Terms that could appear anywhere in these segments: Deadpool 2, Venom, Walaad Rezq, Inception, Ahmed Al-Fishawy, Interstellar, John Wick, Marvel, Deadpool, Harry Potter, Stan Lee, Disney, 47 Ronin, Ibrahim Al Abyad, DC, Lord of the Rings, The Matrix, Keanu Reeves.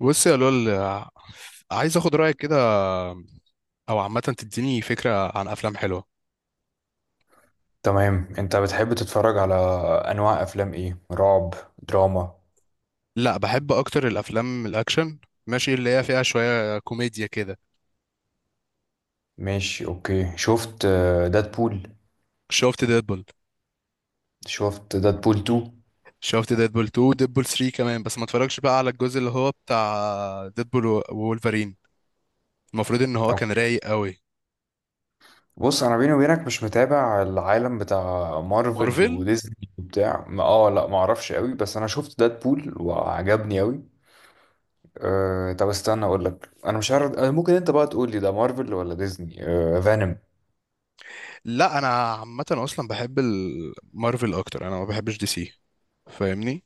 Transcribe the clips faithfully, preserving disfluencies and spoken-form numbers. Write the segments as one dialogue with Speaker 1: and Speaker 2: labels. Speaker 1: بص يا لول، عايز اخد رايك كده، او عامه تديني فكره عن افلام حلوه.
Speaker 2: تمام، انت بتحب تتفرج على انواع افلام ايه؟ رعب؟ دراما؟
Speaker 1: لا، بحب اكتر الافلام الاكشن، ماشي، اللي هي فيها شويه كوميديا كده.
Speaker 2: ماشي، اوكي. شفت دادبول؟
Speaker 1: شفت ديدبول.
Speaker 2: شفت دادبول اتنين؟
Speaker 1: شفت ديدبول اتنين، ديدبول تلاتة كمان، بس ما اتفرجش بقى على الجزء اللي هو بتاع ديدبول و- وولفرين. المفروض ان هو كان
Speaker 2: اوكي.
Speaker 1: رايق قوي.
Speaker 2: بص انا بيني وبينك مش متابع العالم بتاع مارفل
Speaker 1: مارفل.
Speaker 2: وديزني وبتاع ما- اه لا ما اعرفش قوي، بس انا شفت دادبول وعجبني قوي. أه، طب استنى اقول لك انا مش عارف اه، ممكن انت بقى تقول لي ده مارفل ولا ديزني؟ أه فانوم.
Speaker 1: لا انا عامه اصلا بحب ال- مارفل اكتر، انا ما بحبش دي سي، فاهمني؟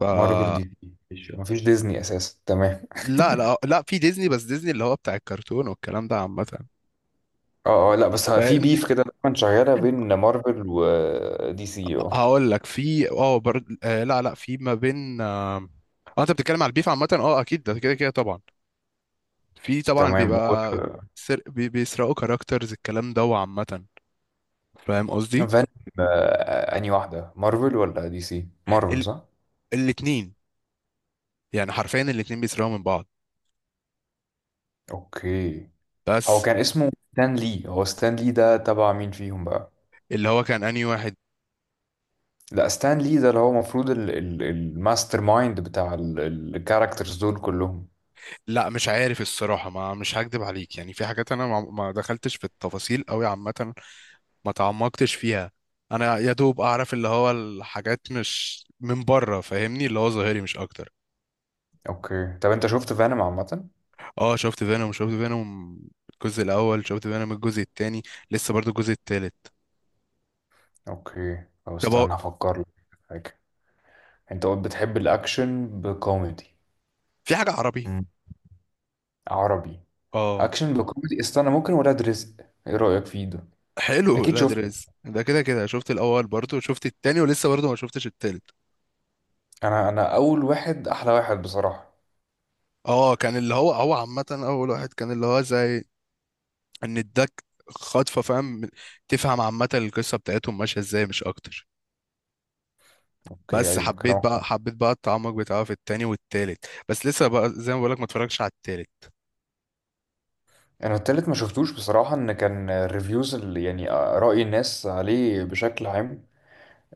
Speaker 1: ف
Speaker 2: مارفل دي؟ مفيش مفيش ديزني اساسا؟ تمام.
Speaker 1: لا لا لا، في ديزني، بس ديزني اللي هو بتاع الكرتون والكلام ده عامه.
Speaker 2: اه اه، لا بس في
Speaker 1: لأن-
Speaker 2: بيف كده دايما شغاله بين مارفل ودي سي اه.
Speaker 1: هقول لك، في اه برد، آه لا لا في ما بين، آه. آه، انت بتتكلم على البيف عامة، اه اكيد ده كده كده طبعا. في طبعا
Speaker 2: تمام و
Speaker 1: بيبقى سر... بي- بيسرقوا كاركترز الكلام ده وعامة، فاهم قصدي؟
Speaker 2: فان آه، انهي واحده، مارفل ولا دي سي؟ مارفل
Speaker 1: ال...
Speaker 2: صح؟
Speaker 1: الاتنين، يعني حرفيا الاتنين بيسرقوا من بعض.
Speaker 2: اوكي. هو
Speaker 1: بس
Speaker 2: كان اسمه ستان لي. هو ستان لي ده تبع مين فيهم بقى؟
Speaker 1: اللي هو كان انهي واحد؟
Speaker 2: لا، ستان لي ده اللي هو المفروض ال- ال- الماستر مايند بتاع الكاركترز دول كلهم.
Speaker 1: لا مش عارف الصراحة، ما مش هكدب عليك، يعني في حاجات انا ما ما دخلتش في التفاصيل قوي عامة، ما تعمقتش فيها. انا يا دوب اعرف اللي هو الحاجات مش من بره، فاهمني، اللي هو ظاهري مش اكتر.
Speaker 2: اوكي، طب انت شفت فانوم عامه؟
Speaker 1: اه شفت فينوم، شفت فينوم الجزء الاول، شفت فينوم الجزء التاني، لسه برضو الجزء التالت.
Speaker 2: اوكي، طب
Speaker 1: طب هو
Speaker 2: استنى افكر لك في حاجه. انت قلت بتحب الاكشن بكوميدي؟
Speaker 1: في حاجه عربي؟
Speaker 2: مم. عربي؟
Speaker 1: اه.
Speaker 2: اكشن بكوميدي. استنى، ممكن ولاد رزق، ايه رايك فيه ده؟
Speaker 1: حلو
Speaker 2: اكيد
Speaker 1: لا
Speaker 2: شفته.
Speaker 1: دريس ده كده كده شفت الاول، برضو شفت التاني، ولسه برضو ما شفتش التالت.
Speaker 2: انا انا اول واحد احلى واحد بصراحه.
Speaker 1: اه كان اللي هو هو عامه اول واحد كان اللي هو زي ان اداك خطفه، فاهم؟ تفهم عامه القصه بتاعتهم ماشيه ازاي مش اكتر.
Speaker 2: اوكي،
Speaker 1: بس
Speaker 2: ايوه
Speaker 1: حبيت
Speaker 2: كلامك
Speaker 1: بقى،
Speaker 2: صح.
Speaker 1: حبيت بقى التعمق بتاعه في التاني والتالت، بس لسه بقى زي ما بقولك ما اتفرجتش على التالت.
Speaker 2: انا التالت ما شفتوش بصراحه. ان كان الريفيوز اللي يعني راي الناس عليه بشكل عام،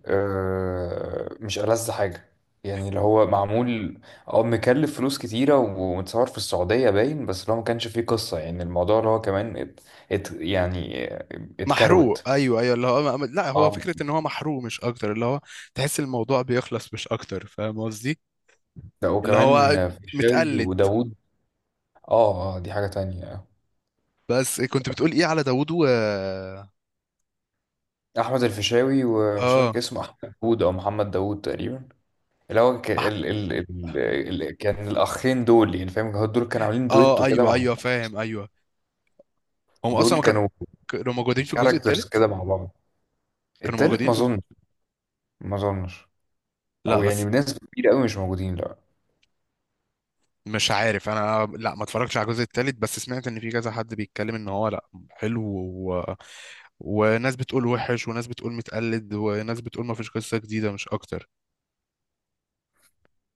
Speaker 2: آه، مش ألذ حاجه. يعني اللي هو معمول او مكلف فلوس كتيره ومتصور في السعوديه باين، بس اللي هو ما كانش فيه قصه. يعني الموضوع اللي هو كمان ات ات يعني
Speaker 1: محروق،
Speaker 2: اتكروت.
Speaker 1: ايوه ايوه اللي هو لا، هو
Speaker 2: اه.
Speaker 1: فكره ان هو محروق مش اكتر، اللي هو تحس الموضوع بيخلص مش اكتر، فاهم قصدي؟
Speaker 2: ده
Speaker 1: اللي هو
Speaker 2: وكمان في الشاوي
Speaker 1: متقلد.
Speaker 2: وداوود. اه آه، دي حاجة تانية.
Speaker 1: بس كنت بتقول ايه على داوود و
Speaker 2: أحمد الفيشاوي ومش
Speaker 1: اه
Speaker 2: فاكر اسمه أحمد داوود أو محمد داوود تقريبا. اللي هو ك...
Speaker 1: مح...
Speaker 2: ال... ال... ال... ال... كان الأخين دول، يعني فاهم، هو دول كانوا عاملين
Speaker 1: اه
Speaker 2: دويتو كده مع
Speaker 1: ايوه ايوه
Speaker 2: بعض.
Speaker 1: فاهم ايوه. هم اصلا
Speaker 2: دول
Speaker 1: ما كانوا،
Speaker 2: كانوا
Speaker 1: كانوا موجودين في الجزء
Speaker 2: كاركترز
Speaker 1: الثالث،
Speaker 2: كده مع بعض.
Speaker 1: كانوا
Speaker 2: التالت
Speaker 1: موجودين
Speaker 2: ما
Speaker 1: في
Speaker 2: أظنش،
Speaker 1: الجزء.
Speaker 2: ما أظنش.
Speaker 1: لا
Speaker 2: أو يعني
Speaker 1: بس
Speaker 2: بنسبة كبيرة أوي مش موجودين، لا.
Speaker 1: مش عارف انا، لا ما اتفرجتش على الجزء الثالث، بس سمعت ان في كذا حد بيتكلم ان هو لا حلو، و... وناس بتقول وحش، وناس بتقول متقلد، وناس بتقول ما فيش قصه جديده مش اكتر.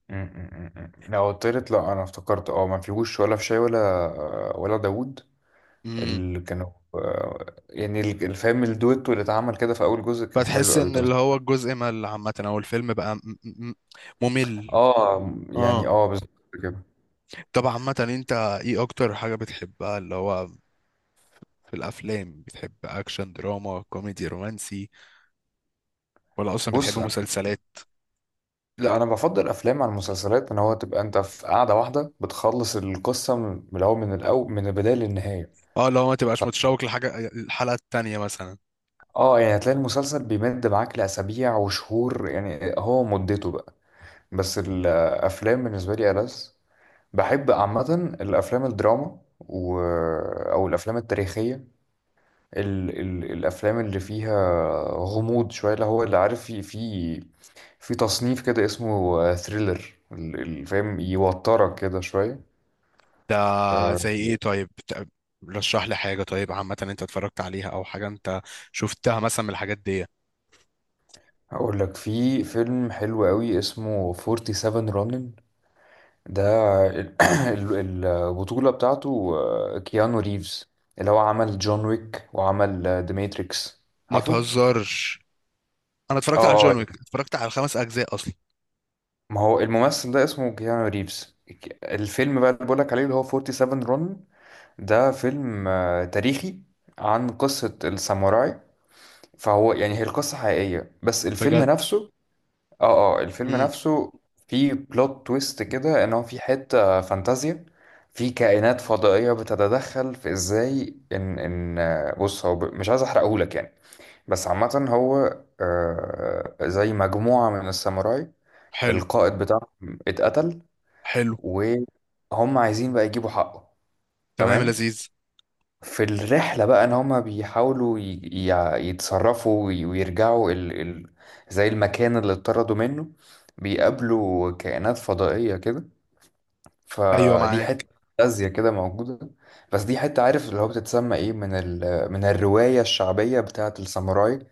Speaker 2: م- م- م- م. لا، هو التالت، لا أنا افتكرت اه ما فيهوش ولا فيشاوي ولا ولا داوود.
Speaker 1: امم.
Speaker 2: اللي كانوا آه، يعني الفيلم الدويتو اللي اتعمل كده في أول جزء كان حلو
Speaker 1: فتحس
Speaker 2: أوي.
Speaker 1: ان
Speaker 2: طب
Speaker 1: اللي هو الجزء مل عامة، او الفيلم بقى م- م- ممل.
Speaker 2: اه،
Speaker 1: اه.
Speaker 2: يعني اه بالظبط كده.
Speaker 1: طب عامة انت ايه اكتر حاجة بتحبها اللي هو في الافلام؟ بتحب اكشن، دراما، كوميدي، رومانسي، ولا اصلا بتحب
Speaker 2: بص انا،
Speaker 1: مسلسلات؟
Speaker 2: لا انا بفضل افلام عن المسلسلات، ان هو تبقى انت في قاعده واحده بتخلص القصه من من الاول، من الاول من البدايه للنهايه.
Speaker 1: اه، لو ما
Speaker 2: ف...
Speaker 1: تبقاش متشوق لحاجة الحلقة التانية مثلا.
Speaker 2: اه، يعني هتلاقي المسلسل بيمد معاك لاسابيع وشهور، يعني هو مدته بقى. بس الافلام بالنسبه لي ألذ. بحب عامه الافلام الدراما و... او الافلام التاريخيه، ال ال الافلام اللي فيها غموض شويه، اللي هو اللي عارف، في في في تصنيف كده اسمه ثريلر، اللي فاهم يوترك كده شويه.
Speaker 1: ده
Speaker 2: آه،
Speaker 1: زي ايه طيب؟ بت- رشح لي حاجة، طيب، عامة انت اتفرجت عليها او حاجة انت شفتها مثلا من الحاجات دي.
Speaker 2: هقول لك في فيلم حلو قوي اسمه سبعة واربعين رونن. ده ال- ال- البطوله بتاعته آه، كيانو ريفز، اللي هو عمل جون ويك وعمل ذا ماتريكس،
Speaker 1: ما
Speaker 2: عارفه؟
Speaker 1: تهزرش! انا اتفرجت على
Speaker 2: اه اه،
Speaker 1: جون ويك، اتفرجت على الخمس اجزاء اصلا.
Speaker 2: ما هو الممثل ده اسمه كيانو ريفز. الفيلم بقى اللي بقولك عليه اللي هو سبعة واربعون رون، ده فيلم آه، تاريخي عن قصة الساموراي. فهو يعني، هي القصة حقيقية بس الفيلم
Speaker 1: بجد؟
Speaker 2: نفسه، اه اه الفيلم
Speaker 1: امم.
Speaker 2: نفسه فيه بلوت تويست كده، ان هو في حتة فانتازيا. في كائنات فضائية بتتدخل في ازاي ان ان آه، بص هو ب- مش عايز احرقهولك يعني. بس عامة هو آه، زي مجموعة من الساموراي،
Speaker 1: حلو.
Speaker 2: القائد بتاعهم اتقتل
Speaker 1: حلو.
Speaker 2: وهم عايزين بقى يجيبوا حقه.
Speaker 1: تمام يا
Speaker 2: تمام.
Speaker 1: لذيذ.
Speaker 2: في الرحلة بقى، ان هما بيحاولوا ي- ي- يتصرفوا وي- ويرجعوا ال... ال... زي المكان اللي اتطردوا منه. بيقابلوا كائنات فضائية كده،
Speaker 1: ايوه
Speaker 2: فدي
Speaker 1: معاك.
Speaker 2: حتة فانتازيا كده موجودة. بس دي حتة عارف اللي هو بتتسمى ايه، من ال... من الرواية الشعبية بتاعة الساموراي،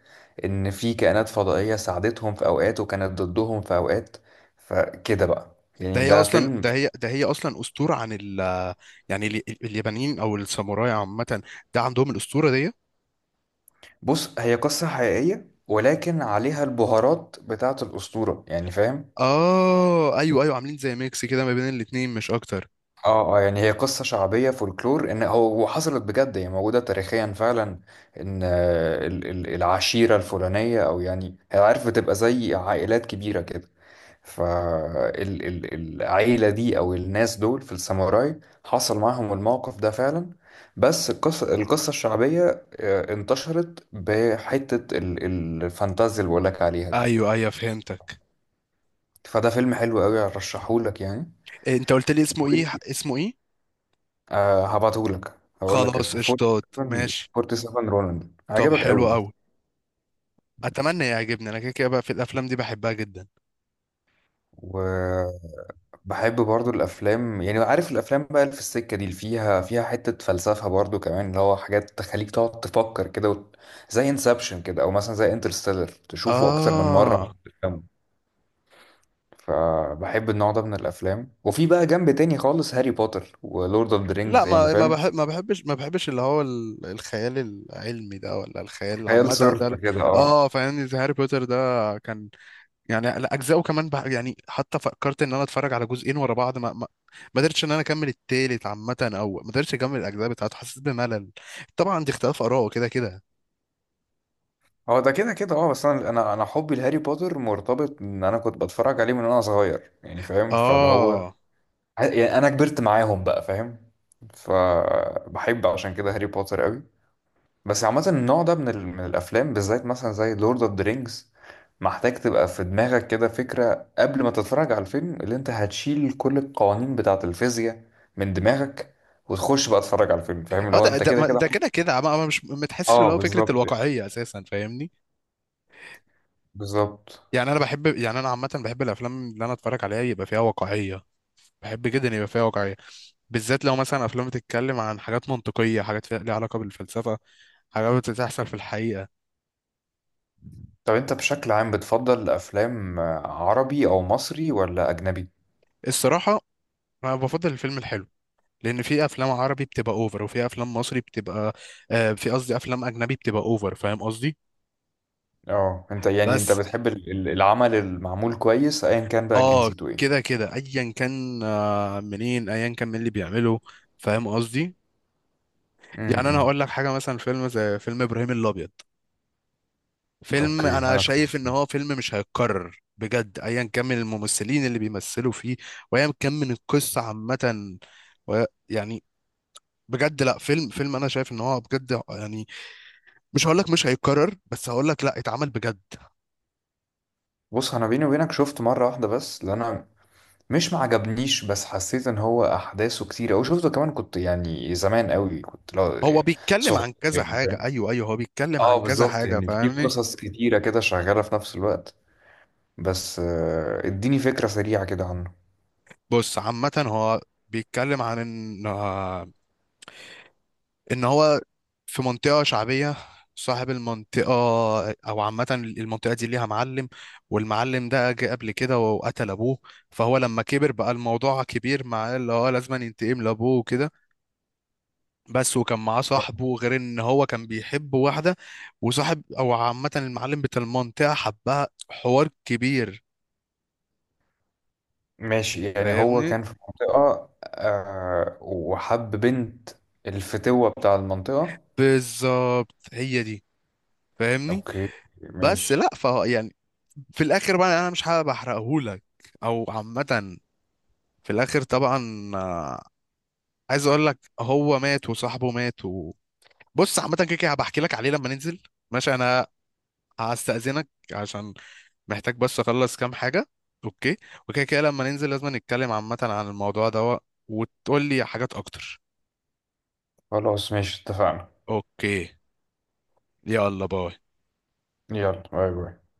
Speaker 2: ان في كائنات فضائية ساعدتهم في اوقات وكانت ضدهم في اوقات. فكده بقى
Speaker 1: ده
Speaker 2: يعني،
Speaker 1: هي
Speaker 2: ده
Speaker 1: اصلا،
Speaker 2: فيلم.
Speaker 1: ده هي ده هي اصلا اسطوره عن ال، يعني ال- اليابانيين او الساموراي عامه، ده عندهم الاسطوره دي.
Speaker 2: بص هي قصة حقيقية ولكن عليها البهارات بتاعة الأسطورة يعني فاهم.
Speaker 1: اه ايوه ايوه، عاملين زي ميكس كده ما بين الاتنين مش اكتر.
Speaker 2: اه اه، يعني هي قصة شعبية، فولكلور، ان هو وحصلت بجد، هي موجودة تاريخيا فعلا. ان آه، ال- ال- العشيرة الفلانية، او يعني هي عارف بتبقى زي عائلات كبيرة كده، فالعيلة دي او الناس دول في الساموراي حصل معاهم الموقف ده فعلا. بس القصة، القصة الشعبية آه، انتشرت بحتة ال- ال- الفانتازيا اللي بقولك عليها دي.
Speaker 1: ايوه ايوه فهمتك.
Speaker 2: فده فيلم حلو قوي، ارشحهولك يعني.
Speaker 1: إيه، انت قلت لي اسمه ايه؟ اسمه ايه؟
Speaker 2: آه هبعتهولك، هقول لك
Speaker 1: خلاص
Speaker 2: اسمه
Speaker 1: قشطات،
Speaker 2: 47
Speaker 1: ماشي.
Speaker 2: 47 رونن،
Speaker 1: طب
Speaker 2: هيعجبك
Speaker 1: حلو
Speaker 2: قوي ده.
Speaker 1: قوي، اتمنى يعجبني، انا كده كده بقى في الافلام دي بحبها جدا.
Speaker 2: وبحب برضو الافلام، يعني عارف الافلام بقى اللي في السكه دي، اللي فيها فيها حته فلسفه برضو كمان، اللي هو حاجات تخليك تقعد تفكر كده وت... زي انسبشن كده، او مثلا زي انترستيلر، تشوفه اكتر من مره
Speaker 1: اه
Speaker 2: عشان تفهمه. فبحب النوع ده من الافلام، وفي بقى جنب تاني خالص هاري بوتر ولورد اوف ذا
Speaker 1: لا،
Speaker 2: رينجز، يعني
Speaker 1: ما ما
Speaker 2: فاهم.
Speaker 1: بحب، ما بحبش ما بحبش اللي هو ال- الخيال العلمي ده، ولا الخيال
Speaker 2: خيال
Speaker 1: عامة ده،
Speaker 2: صرف
Speaker 1: لا.
Speaker 2: كده اه.
Speaker 1: اه فاهمني، زي هاري بوتر ده، كان يعني لا، اجزائه كمان بح- يعني، حتى فكرت ان انا اتفرج على جزئين ورا بعض، ما ما, ما قدرتش ان انا اكمل التالت عامة، او ما قدرتش اكمل الاجزاء بتاعته، حسيت بملل. طبعا دي اختلاف اراء كده كده.
Speaker 2: هو ده كده كده اه، بس انا انا انا حبي لهاري بوتر مرتبط ان انا كنت بتفرج عليه من وانا صغير، يعني فاهم، فاللي هو
Speaker 1: اه
Speaker 2: يعني انا كبرت معاهم بقى فاهم. فبحب عشان كده هاري بوتر قوي. بس عامة النوع ده من ال... من الافلام بالذات، مثلا زي لورد اوف ذا رينجز، محتاج تبقى في دماغك كده فكرة قبل ما تتفرج على الفيلم، اللي انت هتشيل كل القوانين بتاعة الفيزياء من دماغك، وتخش بقى تتفرج على الفيلم، فاهم؟ اللي
Speaker 1: اه،
Speaker 2: هو
Speaker 1: ده
Speaker 2: انت
Speaker 1: ده
Speaker 2: كده
Speaker 1: ما-
Speaker 2: كده.
Speaker 1: ده كده كده، ما ما- مش متحسش
Speaker 2: اه
Speaker 1: اللي هو فكرة
Speaker 2: بالظبط يعني،
Speaker 1: الواقعية اساسا، فاهمني؟
Speaker 2: بالظبط.
Speaker 1: يعني انا بحب، يعني انا عامة بحب الافلام اللي انا اتفرج عليها يبقى فيها واقعية. بحب جدا يبقى فيها واقعية، بالذات لو مثلا افلام بتتكلم عن حاجات منطقيه، حاجات فيها- ليها علاقه بالفلسفه، حاجات بتحصل في الحقيقه.
Speaker 2: طب انت بشكل عام بتفضل افلام عربي او مصري ولا اجنبي؟
Speaker 1: الصراحه انا بفضل الفيلم الحلو، لان في افلام عربي بتبقى اوفر، وفي افلام مصري بتبقى، آه في قصدي افلام اجنبي بتبقى اوفر، فاهم قصدي؟
Speaker 2: اه انت يعني انت
Speaker 1: بس
Speaker 2: بتحب ال- ال- العمل المعمول كويس، ايا كان بقى
Speaker 1: اه
Speaker 2: جنسيته ايه.
Speaker 1: كده كده، ايا كان، آه منين، ايا كان مين اللي بيعمله، فاهم قصدي؟ يعني انا
Speaker 2: امم.
Speaker 1: هقول لك حاجه، مثلا فيلم زي فيلم ابراهيم الابيض، فيلم
Speaker 2: اوكي
Speaker 1: انا
Speaker 2: انا شفت.
Speaker 1: شايف ان هو فيلم مش هيتكرر بجد، ايا كان من الممثلين اللي بيمثلوا فيه، وايا كان من القصه عامه، و- يعني بجد لا، فيلم فيلم انا شايف ان هو بجد يعني مش هقول لك مش هيتكرر، بس هقول لك لا اتعمل بجد.
Speaker 2: بص انا بيني وبينك شفت مره واحده بس، اللي انا مش معجبنيش، بس حسيت ان هو احداثه كتير، او شفته كمان كنت يعني زمان قوي، كنت
Speaker 1: هو
Speaker 2: لا
Speaker 1: بيتكلم
Speaker 2: صغير،
Speaker 1: عن كذا
Speaker 2: يعني
Speaker 1: حاجه،
Speaker 2: فاهم.
Speaker 1: ايوه ايوه، هو بيتكلم
Speaker 2: اه
Speaker 1: عن كذا
Speaker 2: بالظبط،
Speaker 1: حاجه
Speaker 2: يعني في
Speaker 1: فاهمني.
Speaker 2: قصص كتيره كده شغاله في نفس الوقت. بس آه، اديني فكره سريعه كده عنه.
Speaker 1: بص عامه هو بيتكلم عن ان ان هو في منطقة شعبية، صاحب المنطقة، أو عامة المنطقة دي ليها معلم، والمعلم ده جه قبل كده وقتل أبوه، فهو لما كبر بقى الموضوع كبير معاه اللي هو لازم ينتقم لأبوه وكده. بس وكان معاه صاحبه، غير إن هو كان بيحب واحدة، وصاحب أو عامة المعلم بتاع المنطقة حبها، حوار كبير
Speaker 2: ماشي، يعني هو
Speaker 1: فاهمني.
Speaker 2: كان في منطقة آه وحب بنت الفتوة بتاع المنطقة.
Speaker 1: بالظبط، هي دي، فاهمني.
Speaker 2: اوكي،
Speaker 1: بس
Speaker 2: ماشي.
Speaker 1: لا ف يعني، في الآخر بقى أنا مش حابب أحرقهولك، أو عامة في الاخر طبعا آه، عايز اقول لك هو مات وصاحبه مات و... بص عامه كده كده هبحكي لك عليه لما ننزل. ماشي انا هستأذنك عشان محتاج بس اخلص كام حاجه. اوكي، وكده كده لما ننزل لازم نتكلم عامه عن الموضوع ده، وتقول لي حاجات اكتر.
Speaker 2: خلاص ماشي، اتفقنا.
Speaker 1: اوكي، يلا باي.
Speaker 2: يلا باي باي.